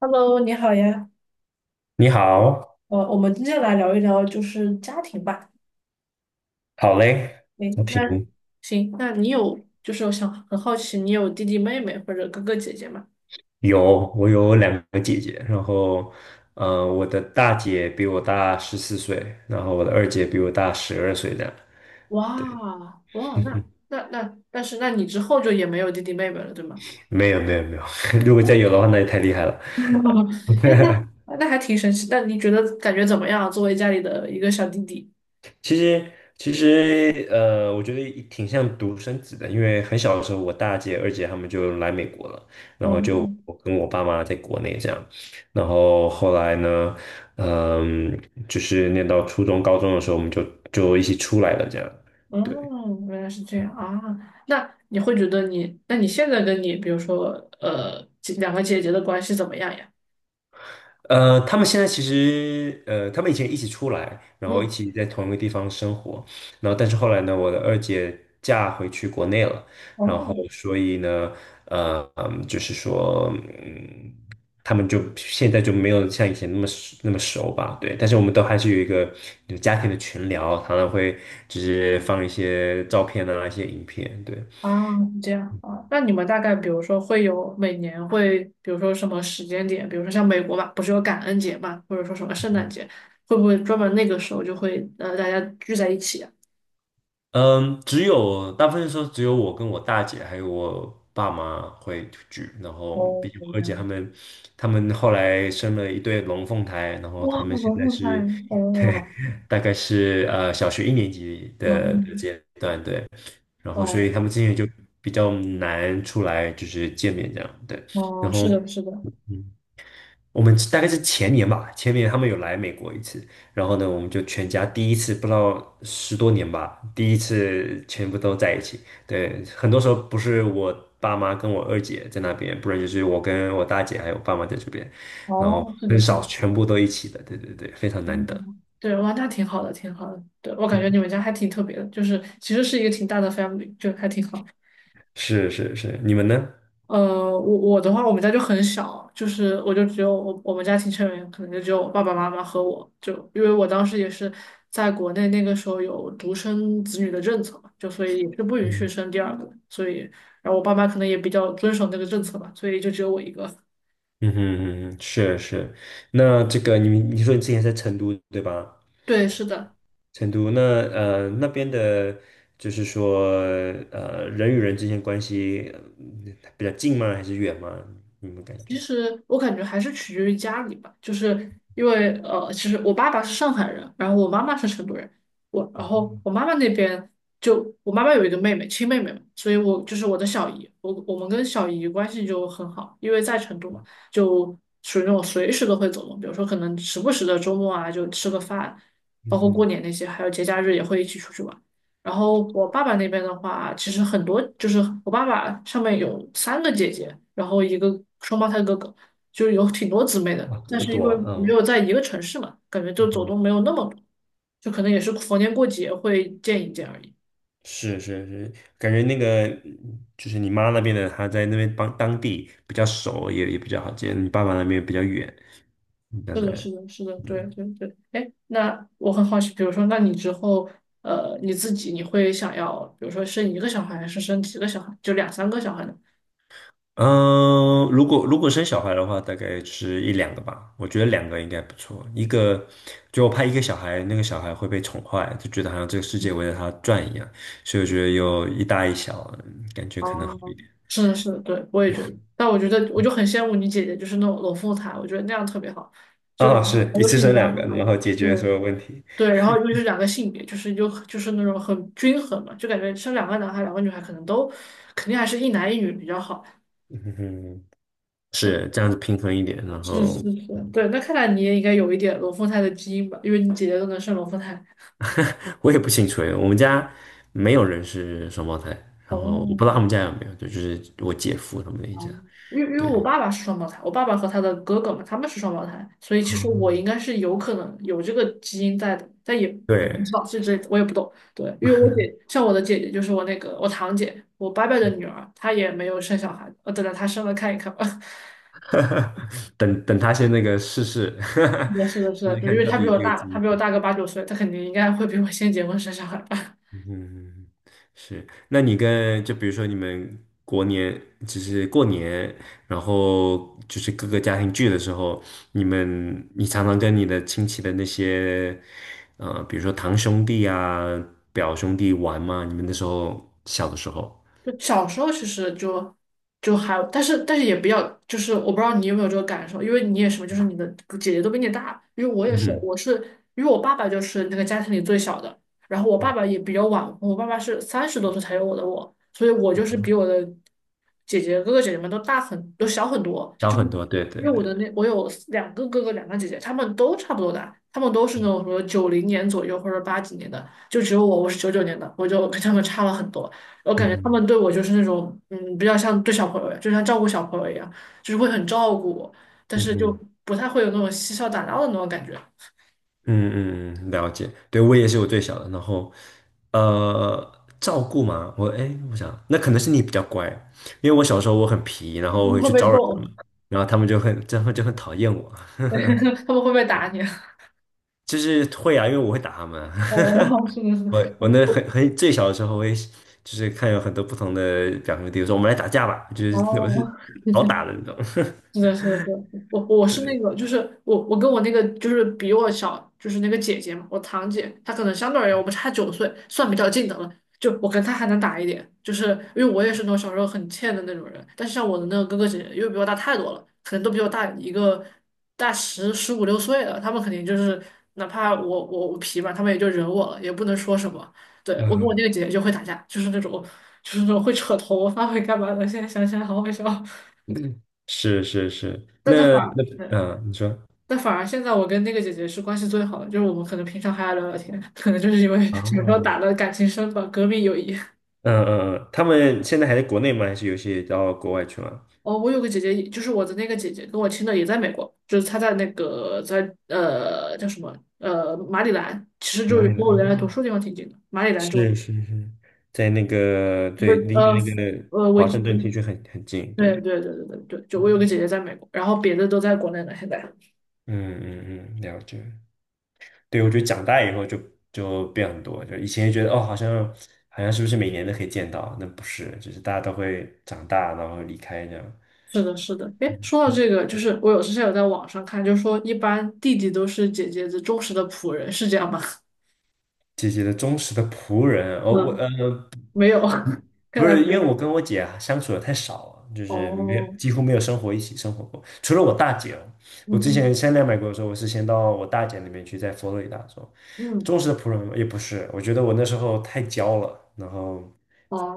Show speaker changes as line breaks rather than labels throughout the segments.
Hello，你好呀。
你好，
我们今天来聊一聊就是家庭吧。
好嘞，
诶，
我挺
那行，那你有就是我想很好奇，你有弟弟妹妹或者哥哥姐姐吗？
我有两个姐姐，然后，我的大姐比我大14岁，然后我的二姐比我大12岁，这样。对，
哇哇，那 那那，但是那你之后就也没有弟弟妹妹了，对吗？
没有没有没有，如果再
哦，
有的话，那就太厉害了。
哎，那还挺神奇。那你觉得感觉怎么样？作为家里的一个小弟弟？
其实其实，我觉得挺像独生子的，因为很小的时候，我大姐、二姐她们就来美国了，然后
哦
就我跟我爸妈在国内这样，然后后来呢，嗯，就是念到初中、高中的时候，我们就一起出来了这样，
哦，
对。
原来是这样啊。那你会觉得你，那你现在跟你比如说两个姐姐的关系怎么样呀？
他们现在其实，他们以前一起出来，然后一
嗯。
起在同一个地方生活，然后但是后来呢，我的二姐嫁回去国内了，然后
哦，
所以呢，就是说，嗯，他们就现在就没有像以前那么熟那么熟吧，对，但是我们都还是有一个有家庭的群聊，常常会就是放一些照片啊，一些影片，对，
啊，这样啊，那你们大概比如说会有每年会，比如说什么时间点，比如说像美国吧，不是有感恩节嘛，或者说什么圣诞节，会不会专门那个时候就会大家聚在一起啊？
嗯，大部分时候只有我跟我大姐还有我爸妈会聚，然后
哦，
毕竟
明
我二姐他
白。
们，他们后来生了一对龙凤胎，然后
哇，
他们现
我这
在
么快。
是，对，
哦，
大概是小学1年级的
嗯，
阶段，对，然后所以
哦，
他们之前就比较难出来就是见面这样，对，然
哦，是
后。
的，是的，
嗯。我们大概是前年吧，前年他们有来美国一次，然后呢，我们就全家第一次，不知道10多年吧，第一次全部都在一起。对，很多时候不是我爸妈跟我二姐在那边，不然就是我跟我大姐还有爸妈在这边，然后
哦，是的，
很
是
少
的，
全部都一起的。对对对，非常难得。
嗯，对，哇，那挺好的，挺好的。对，我感觉你们家还挺特别的，就是其实是一个挺大的 family，就还挺好。
是是是，你们呢？
呃，我的话，我们家就很小，就是我就只有我我们家庭成员可能就只有我爸爸妈妈和我，就因为我当时也是在国内那个时候有独生子女的政策嘛，就所以也是不允许
嗯
生第二个，所以然后我爸妈可能也比较遵守那个政策吧，所以就只有我一个。
嗯哼嗯哼，是是。那这个你说你之前在成都对吧？
对，是的。
成都那边的，就是说人与人之间关系比较近吗？还是远吗？你们感
其
觉？
实我感觉还是取决于家里吧，就是因为其实我爸爸是上海人，然后我妈妈是成都人，我然后我妈妈那边就我妈妈有一个妹妹，亲妹妹嘛，所以我就是我的小姨，我们跟小姨关系就很好，因为在成都嘛，就属于那种随时都会走动，比如说可能时不时的周末啊就吃个饭，包
嗯
括过
哼，
年那些，还有节假日也会一起出去玩。然后我爸爸那边的话，其实很多就是我爸爸上面有三个姐姐，然后一个双胞胎哥哥，就有挺多姊妹的。
哇，这
但
么
是因
多
为
啊，
没
嗯
有在一个城市嘛，感觉就
嗯
走
哼，
动没有那么多，就可能也是逢年过节会见一见而已。
是是是，感觉那个就是你妈那边的，她在那边帮当地比较熟，也比较好接，你爸爸那边比较远，当
是的，是
然。
的，是的，对对对。哎，那我很好奇，比如说，那你之后，你自己你会想要，比如说生一个小孩，还是生几个小孩，就两三个小孩呢？
嗯，如果生小孩的话，大概是一两个吧。我觉得两个应该不错。就我怕一个小孩，那个小孩会被宠坏，就觉得好像这个世界围着他转一样。所以我觉得有一大一小，感觉可能好
哦，
一点。
是是，对，我也觉得。但我觉得，我就很羡慕你姐姐，就是那种龙凤胎，我觉得那样特别好，
哦，是一
都
次
是一
生
样
两个，
大
然
的。
后解
对
决所有问题。
对，然后又是两个性别，就是那种很均衡嘛，就感觉生两个男孩、两个女孩，可能都肯定还是一男一女比较好。
嗯哼，是这样子平衡一点。然
是
后
是是，对。那看来你也应该有一点龙凤胎的基因吧，因为你姐姐都能生龙凤胎。
我也不清楚诶，我们家没有人是双胞胎，然后我不知道他
哦，
们家有没有，就是我姐夫他们那一家。
嗯。因为
对，
我爸爸是双胞胎，我爸爸和他的哥哥嘛，他们是双胞胎，所以其实我应
哦
该是有可能有这个基因在的，但也不知
对。
道，这我也不懂。对，因为我姐像我的姐姐，就是我那个我堂姐，我伯伯的女儿，她也没有生小孩，等着她生了看一看吧。
等等他先那个试试，
是的，是的，是
试
的，
试
对，因
看
为
到
她比
底
我
这个
大，
基
她
因。
比我大个8、9岁，她肯定应该会比我先结婚生小孩吧。
嗯，是。那你跟比如说你们过年，就是过年，然后就是各个家庭聚的时候，你常常跟你的亲戚的那些，比如说堂兄弟啊、表兄弟玩吗？你们那时候小的时候，
就小时候其实就还，但是也比较，就是我不知道你有没有这个感受，因为你也是嘛，就是你的姐姐都比你大，因为我也
嗯
是，
哼，
我是因为我爸爸就是那个家庭里最小的，然后我爸爸也比较晚婚。我爸爸是30多岁才有我，所以我就是比我的哥哥姐姐们都小很多，
小
就是
很多，对对
因为我
对，
的那我有两个哥哥两个姐姐，他们都差不多大，他们都是那种什么90年左右或者80几年的，就只有我是99年的，我就跟他们差了很多。我
嗯
感觉他
哼，
们对我就是那种，嗯，比较像对小朋友，就像照顾小朋友一样，就是会很照顾我，但
嗯
是就
哼。
不太会有那种嬉笑打闹的那种感觉。
嗯嗯，了解。对，我也是我最小的，然后照顾嘛，哎，我想那可能是你比较乖，因为我小时候我很皮，然后我
你
会
会
去
被
招惹他
揍，
们，然后他们就很讨厌我，
他们会不会打你？
就是会啊，因为我会打他们。
哦，是 的，是的。
我那很最小的时候，我也是就是看有很多不同的表兄弟，我说我们来打架吧，就是我是
哦，
好打的 那种。
是的，是的，对，我我 是那
对，
个，就是我跟我那个就是比我小，就是那个姐姐嘛，我堂姐，她可能相对而言我们差九岁，算比较近的了。就我跟她还能打一点，就是因为我也是那种小时候很欠的那种人，但是像我的那个哥哥姐姐，因为比我大太多了，可能都比我大一个大十五六岁了，他们肯定就是哪怕我皮吧，他们也就忍我了，也不能说什么。对，我跟我那
嗯，
个姐姐就会打架，就是那种就是那种会扯头发会干嘛的，现在想起来好好笑，
是是是，
但她反。
嗯，你说
但反而现在我跟那个姐姐是关系最好的，就是我们可能平常还要聊聊天，可能就是因为小时候打
啊。
的感情深吧，革命友谊。
嗯嗯嗯，他们现在还在国内吗？还是有些到国外去了？
哦，我有个姐姐，就是我的那个姐姐，跟我亲的也在美国，就是她在那个在叫什么马里兰，其实就
哪
是
里
跟
来？
我原来
哦
读书地方挺近的，马里兰州。
是是是，在那个
不
对，
是
离你
呃
那个
呃维
华
吉
盛顿地区很近，
对
对，
对对对对对，就我有个
嗯
姐姐在美国，然后别的都在国内呢，现在。
嗯嗯嗯，了解。对，我觉得长大以后就变很多，就以前觉得哦，好像是不是每年都可以见到？那不是，就是大家都会长大，然后离开这样。
是的，是的。哎，说到这个，就是我有之前有在网上看，就说一般弟弟都是姐姐的忠实的仆人，是这样吗？
姐姐的忠实的仆人，哦，
嗯，没有。看
不
来
是因
没
为
有。
我跟我姐啊相处的太少了，就是没有
哦，
几乎没有一起生活过，除了我大姐哦。我
嗯
之前
哼
先来美国的时候，我是先到我大姐那边去，在佛罗里达州。
嗯，
忠实的仆人也不是，我觉得我那时候太娇了，然后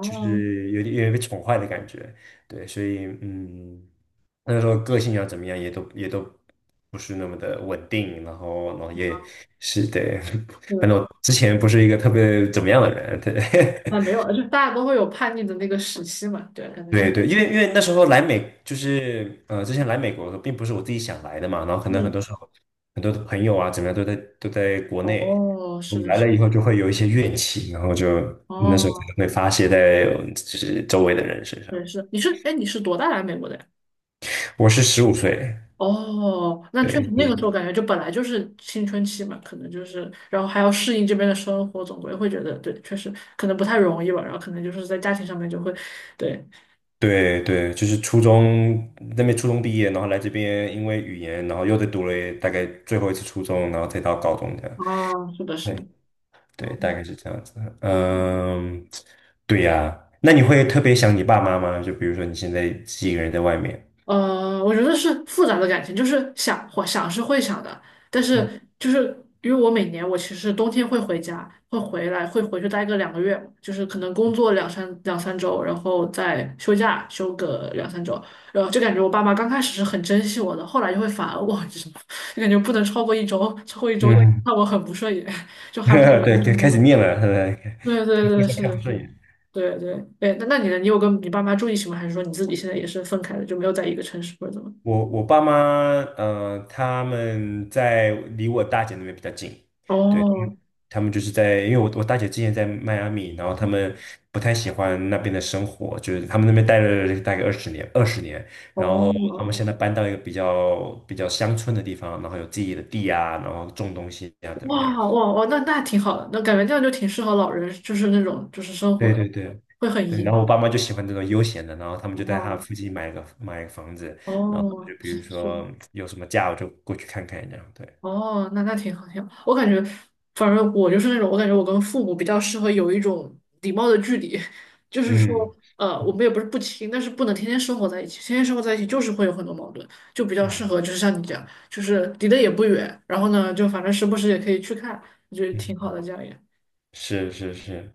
就是有点被宠坏的感觉，对，所以那时候个性要怎么样也都不是那么的稳定，然后也是对，
是 的，
反正
是的。
我之前不是一个特别怎么样的人，对。
哎，没有了，就大家都会有叛逆的那个时期嘛，对，可能就是，
对对，因为那时候来美就是之前来美国的时候并不是我自己想来的嘛，然后可能很
嗯，
多时候很多的朋友啊，怎么样都在国内，
哦，
我
是
们
的，
来
是
了以
的，
后就会有一些怨气，然后就那时候可
哦，
能会发泄在就是周围的人身上。
对，是的你是。哎，你是多大来美国的呀？
我是15岁，
哦，那确实
对，就
那个时候
是
感觉就本来就是青春期嘛，可能就是，然后还要适应这边的生活，总归会觉得对，确实可能不太容易吧，然后可能就是在家庭上面就会，对，
对对，就是那边初中毕业，然后来这边因为语言，然后又再读了大概最后一次初中，然后再到高中这样。
哦，是的，是的，
对对，
哦。
大概是这样子。嗯，对呀，那你会特别想你爸妈吗？就比如说你现在自己一个人在外面，
我觉得是复杂的感情，就是想会想是会想的，但
嗯，
是就是因为我每年我其实冬天会回家，会回来，会回去待个2个月，就是可能工作两三周，然后再休假休个两三周，然后就感觉我爸妈刚开始是很珍惜我的，后来就会反而我，就是就感觉不能超过一周，超过一周
嗯
看我很不顺眼，就还不 如一
对，对，
周
开始
了。
念了，
对对
互
对，
相
是
看
的，
不
是
顺
的，
眼。
对对。哎，那你呢？你有跟你爸妈住一起吗？还是说你自己现在也是分开的，就没有在一个城市或者怎么？
我爸妈，他们在离我大姐那边比较近，
哦，
他们就是在，因为我大姐之前在迈阿密，然后他们不太喜欢那边的生活，就是他们那边待了大概二十年，二十年，然后他
哦，
们现在搬到一个比较乡村的地方，然后有自己的地啊，然后种东西啊，怎么样？
哇哇哇，那挺好的，那感觉这样就挺适合老人，就是那种就是生活
对
的，
对对
会很
对，
宜
然后我爸
居。
妈就喜欢这种悠闲的，然后他们就在他
哦
附近买个房子，然后我
哦，
就比
是
如
是的，
说有什么假我就过去看看这样，对，
哦，那挺好挺好。我感觉，反正我就是那种，我感觉我跟父母比较适合有一种礼貌的距离，就是说，
嗯
我们也不是不亲，但是不能天天生活在一起，天天生活在一起就是会有很多矛盾，就比较适
嗯
合就是像你这样，就是离得也不远，然后呢，就反正时不时也可以去看，我觉得
嗯。
挺好的这样。也。
是是是，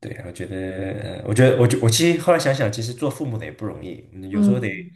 对，我觉得，我觉得，我其实后来想想，其实做父母的也不容易，有时候得，
嗯，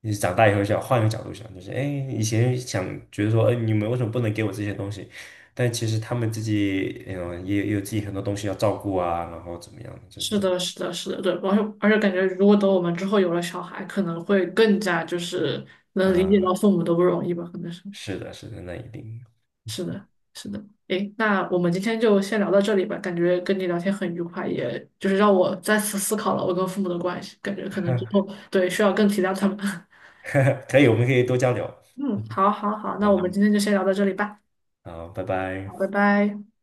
你长大以后想换一个角度想，就是哎，以前想觉得说，哎，你们为什么不能给我这些东西？但其实他们自己，也有自己很多东西要照顾啊，然后怎么样，就是
是的，是的，是的，对，而且感觉，如果等我们之后有了小孩，可能会更加就是能理解
啊，
到父母的不容易吧，可能是，
是的，是的，那一定，
是的，是的。诶，那我们今天就先聊到这里吧，感觉跟你聊天很愉快，也就是让我再次思考了我跟父母的关系，感觉可能之后对需要更体谅他们。
可以，我们可以多交流，
嗯，好，好，好，那
然
我
后，
们今天就先聊到这里吧，
然后，拜
好，
拜。
拜拜。